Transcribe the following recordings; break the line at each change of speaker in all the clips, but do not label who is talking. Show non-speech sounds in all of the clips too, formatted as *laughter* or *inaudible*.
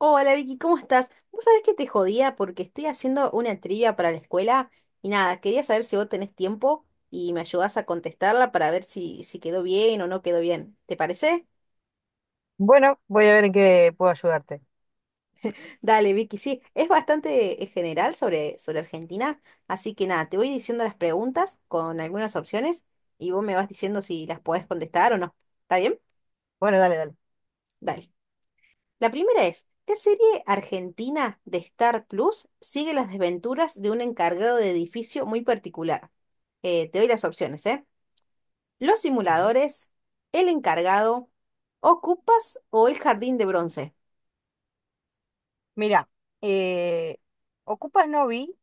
Hola Vicky, ¿cómo estás? Vos sabés que te jodía porque estoy haciendo una trivia para la escuela y nada, quería saber si vos tenés tiempo y me ayudás a contestarla para ver si quedó bien o no quedó bien. ¿Te parece?
Bueno, voy a ver en qué puedo ayudarte.
*laughs* Dale, Vicky, sí, es bastante general sobre Argentina, así que nada, te voy diciendo las preguntas con algunas opciones y vos me vas diciendo si las podés contestar o no. ¿Está bien?
Bueno, dale, dale.
Dale. La primera es, ¿qué serie argentina de Star Plus sigue las desventuras de un encargado de edificio muy particular? Te doy las opciones, ¿eh? Los
Vale.
simuladores, el encargado, Ocupas o el jardín de bronce.
Mira, eh, Ocupas no vi,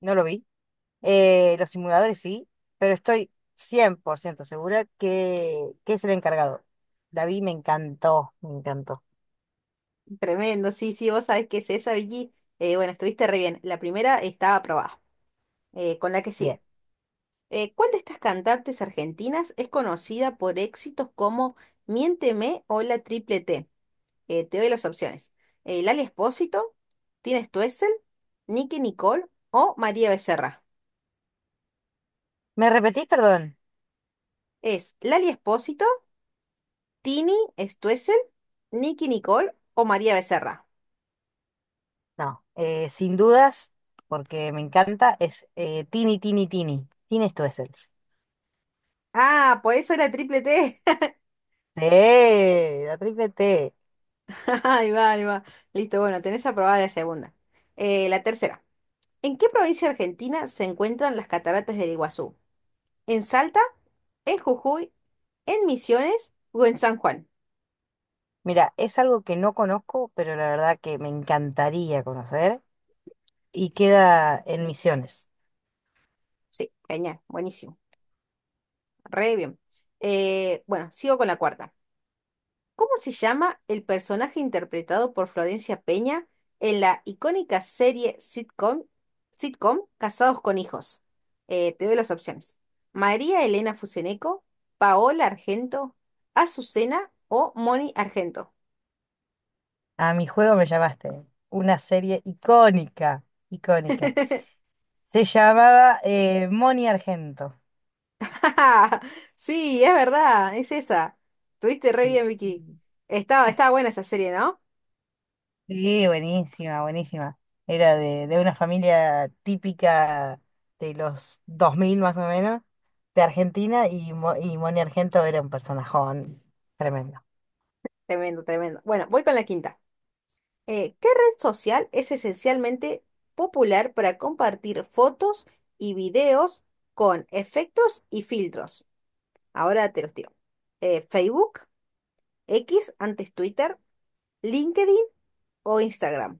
no lo vi, los simuladores sí, pero estoy 100% segura que es el encargado. La vi, me encantó, me encantó.
Tremendo, sí, sí, vos sabés que es esa, Vicky. Bueno, estuviste re bien. La primera estaba aprobada. Con la que
Bien.
sigue. ¿Cuál de estas cantantes argentinas es conocida por éxitos como Miénteme o La Triple T? Te doy las opciones. Lali Espósito, Tina Stoessel, Nicky Nicole o María Becerra.
¿Me repetís, perdón?
Es Lali Espósito, Tini Stoessel, Nicky Nicole o María Becerra.
No, sin dudas, porque me encanta, es Tini, Tini, Tini. Tini esto es él.
Ah, por eso era triple T.
Sí, la triple T.
*laughs* Ahí va, ahí va. Listo, bueno, tenés aprobada la segunda. La tercera. ¿En qué provincia argentina se encuentran las cataratas del Iguazú? ¿En Salta, en Jujuy, en Misiones o en San Juan?
Mira, es algo que no conozco, pero la verdad que me encantaría conocer. Y queda en Misiones.
Sí, genial, buenísimo. Re bien. Bueno, sigo con la cuarta. ¿Cómo se llama el personaje interpretado por Florencia Peña en la icónica serie sitcom Casados con Hijos? Te doy las opciones. María Elena Fuseneco, Paola Argento, Azucena o Moni Argento.
A mi juego me llamaste. Una serie icónica, icónica.
*laughs*
Se llamaba Moni Argento.
Sí, es verdad, es esa. Tuviste re
Sí.
bien, Vicky.
Mm.
Estaba buena esa serie, ¿no?
Sí, buenísima, buenísima. Era de una familia típica de los 2000 más o menos, de Argentina, y Moni Argento era un personajón tremendo.
Tremendo, tremendo. Bueno, voy con la quinta. ¿Qué red social es esencialmente popular para compartir fotos y videos con efectos y filtros? Ahora te los tiro. Facebook, X, antes Twitter, LinkedIn o Instagram.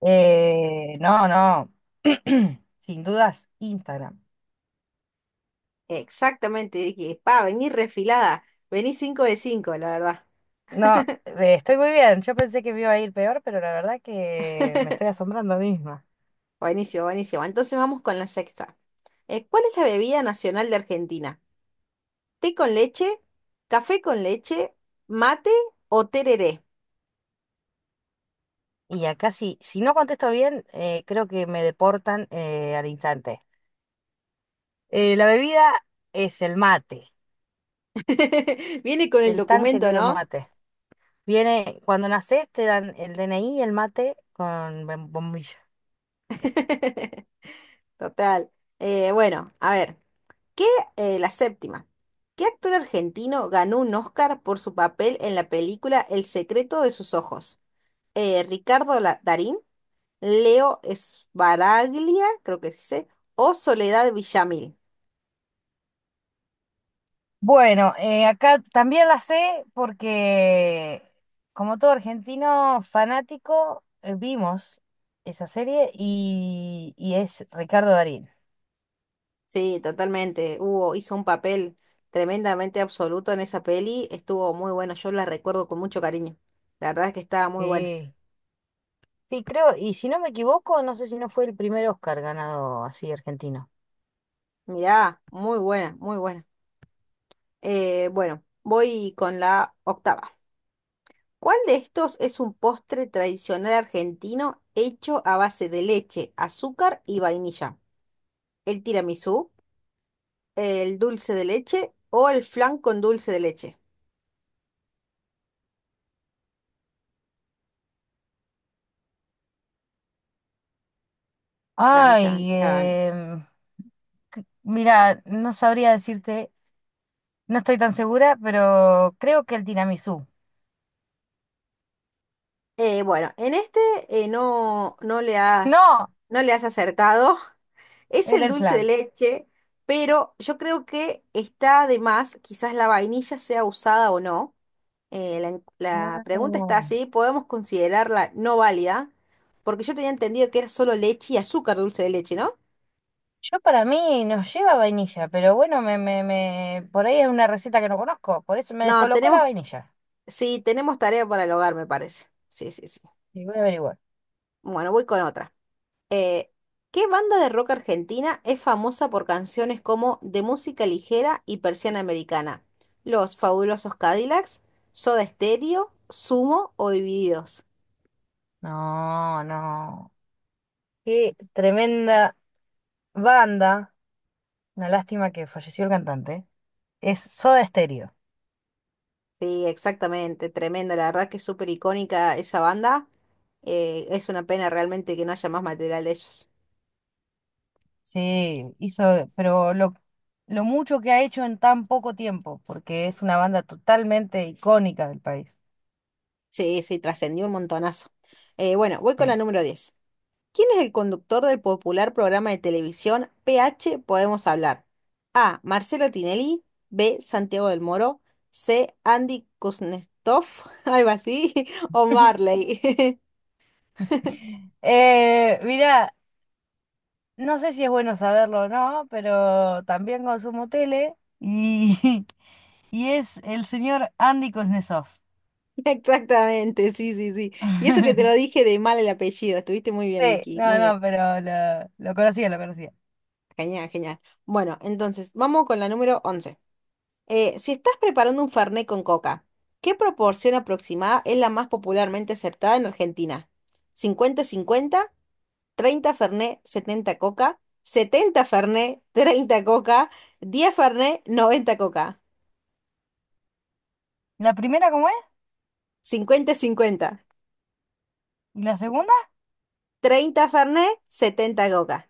No, no, *clears throat* sin dudas, Instagram.
Exactamente, Vicky. Pa, vení refilada. Vení 5 de 5, la verdad.
No, estoy muy bien. Yo pensé que me iba a ir peor, pero la verdad que me estoy asombrando a mí misma.
Buenísimo, buenísimo. Entonces vamos con la sexta. ¿Cuál es la bebida nacional de Argentina? ¿Té con leche? ¿Café con leche? ¿Mate o tereré?
Y acá sí, si no contesto bien, creo que me deportan al instante. La bebida es el mate,
*laughs* Viene con el
el tan
documento,
querido
¿no?
mate. Viene, cuando nacés te dan el DNI y el mate con bombilla.
*laughs* Total. Bueno, a ver, ¿qué, la séptima. ¿Qué actor argentino ganó un Oscar por su papel en la película El secreto de sus ojos? Darín, Leo Sbaraglia, creo que se dice, o Soledad Villamil?
Bueno, acá también la sé porque, como todo argentino fanático, vimos esa serie y es Ricardo Darín.
Sí, totalmente. Hizo un papel tremendamente absoluto en esa peli. Estuvo muy bueno. Yo la recuerdo con mucho cariño. La verdad es que estaba muy buena.
Sí, sí, creo, y si no me equivoco, no sé si no fue el primer Oscar ganado así argentino.
Mirá, muy buena, muy buena. Bueno, voy con la octava. ¿Cuál de estos es un postre tradicional argentino hecho a base de leche, azúcar y vainilla? ¿El tiramisú, el dulce de leche o el flan con dulce de leche? Chan, chan,
Ay,
chan.
mira, no sabría decirte, no estoy tan segura, pero creo que el tiramisú.
Bueno, en este no,
No,
no le has acertado. *laughs* Es
era
el
el
dulce de
flan.
leche, pero yo creo que está de más, quizás la vainilla sea usada o no. La pregunta está
Ah.
así, podemos considerarla no válida, porque yo tenía entendido que era solo leche y azúcar dulce de leche, ¿no?
Yo para mí nos lleva vainilla, pero bueno, me, por ahí es una receta que no conozco, por eso me
No,
descolocó la vainilla.
sí, tenemos tarea para el hogar, me parece. Sí, sí, sí.
Y voy a averiguar.
Bueno, voy con otra. Eh, ¿Qué banda de rock argentina es famosa por canciones como De música ligera y Persiana Americana? Los Fabulosos Cadillacs, Soda Stereo, Sumo o Divididos.
No, no. Qué tremenda banda. Una lástima que falleció el cantante. Es Soda Stereo.
Sí, exactamente, tremendo, la verdad que es súper icónica esa banda. Es una pena realmente que no haya más material de ellos.
Sí, hizo, pero lo mucho que ha hecho en tan poco tiempo, porque es una banda totalmente icónica del país.
Sí, sí, trascendió un montonazo. Bueno, voy con la
Sí.
número diez ¿Quién es el conductor del popular programa de televisión PH Podemos Hablar? A. Marcelo Tinelli. B. Santiago del Moro. C. Andy Kuznetsov, *laughs* algo así. O
*laughs*
Marley.
Mira, no sé si es bueno saberlo o no, pero también consumo tele y, *laughs* y es el señor Andy Kuznetsov.
*laughs* Exactamente, sí, sí, sí. Y eso que te lo
*laughs*
dije de mal el apellido. Estuviste muy bien,
Sí,
Miki.
no,
Muy bien.
no, pero lo conocía, lo conocía.
Genial, genial. Bueno, entonces, vamos con la número 11. Si estás preparando un fernet con coca, ¿qué proporción aproximada es la más popularmente aceptada en Argentina? ¿50-50, 30 fernet, 70 coca? ¿70 fernet, 30 coca? ¿10 fernet, 90 coca?
¿La primera cómo es?
cincuenta-cincuenta,
¿Y la segunda?
treinta fernet, setenta coca?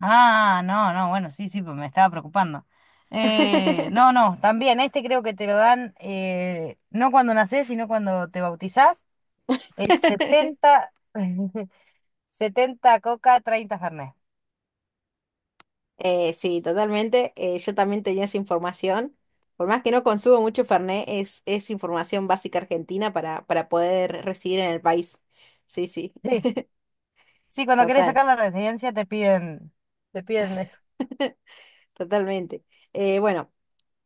Ah, no, no, bueno, sí, sí, pues me estaba preocupando. No,
*laughs*
no, también este creo que te lo dan no cuando nacés, sino cuando te bautizás. Es 70 *laughs* 70 coca, 30 Fernet.
Sí, totalmente. Yo también tenía esa información. Por más que no consumo mucho Fernet, es información básica argentina para poder residir en el país. Sí, sí,
Sí, sí, cuando
*laughs*
querés
total,
sacar la residencia te piden eso.
*laughs* totalmente. Eh, bueno,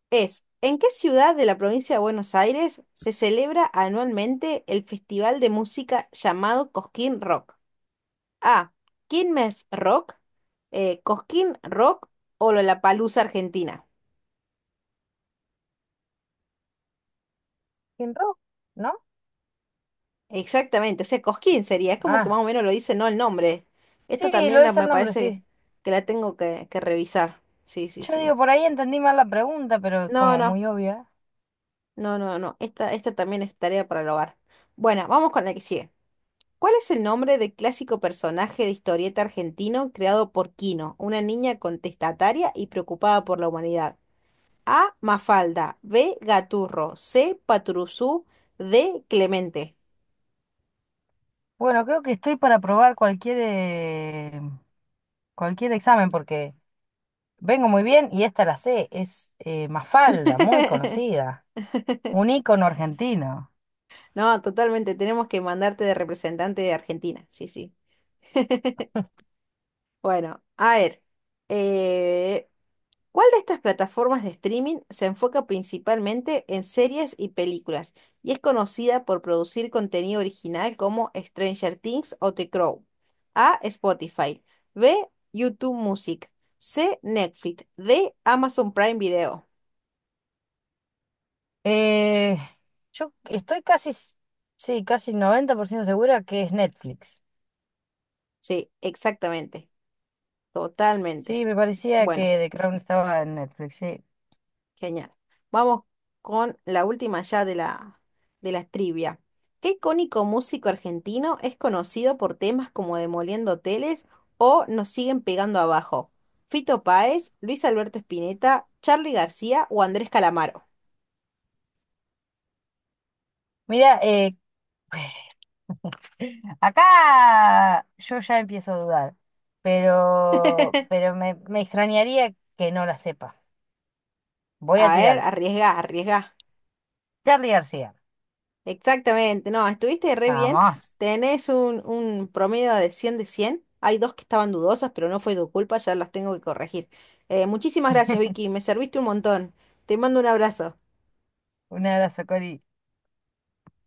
¿En qué ciudad de la provincia de Buenos Aires se celebra anualmente el festival de música llamado Cosquín Rock? A. Quilmes Rock, Cosquín Rock o Lollapalooza Argentina.
¿Kinro? ¿No?
Exactamente, o sea, Cosquín sería, es como que más
Ah,
o menos lo dice, no el nombre.
sí, lo dice
Me
el nombre,
parece
sí.
que la tengo que revisar. Sí, sí,
Yo
sí.
digo, por ahí entendí mal la pregunta, pero es
No,
como
no,
muy obvia.
no, no, no. Esta también es tarea para el hogar. Bueno, vamos con la que sigue. ¿Cuál es el nombre del clásico personaje de historieta argentino creado por Quino, una niña contestataria y preocupada por la humanidad? A. Mafalda, B. Gaturro, C. Paturuzú, D. Clemente.
Bueno, creo que estoy para probar cualquier examen porque... Vengo muy bien y esta la sé, es Mafalda, muy
*laughs*
conocida, un ícono argentino.
No, totalmente. Tenemos que mandarte de representante de Argentina. Sí, sí. Bueno, a ver. eh, ¿Cuál de estas plataformas de streaming se enfoca principalmente en series y películas y es conocida por producir contenido original como Stranger Things o The Crow? A. Spotify. B. YouTube Music. C. Netflix. D. Amazon Prime Video.
Eh, yo estoy casi, sí, casi 90% segura que es Netflix.
Sí, exactamente. Totalmente.
Sí, me parecía
Bueno.
que The Crown estaba en Netflix, sí.
Genial. Vamos con la última ya de de la trivia. ¿Qué icónico músico argentino es conocido por temas como Demoliendo Hoteles o Nos siguen pegando abajo? ¿Fito Páez, Luis Alberto Spinetta, Charly García o Andrés Calamaro?
Mira, *sighs* *laughs* acá yo ya empiezo a dudar, pero,
*laughs*
pero me extrañaría que no la sepa. Voy a
A ver,
tirar.
arriesga, arriesga.
Charlie García.
Exactamente, no, estuviste re bien.
Vamos.
Tenés un promedio de 100 de 100. Hay dos que estaban dudosas, pero no fue tu culpa, ya las tengo que corregir. Muchísimas gracias, Vicky, me serviste un montón. Te mando un abrazo.
Un abrazo, Cori.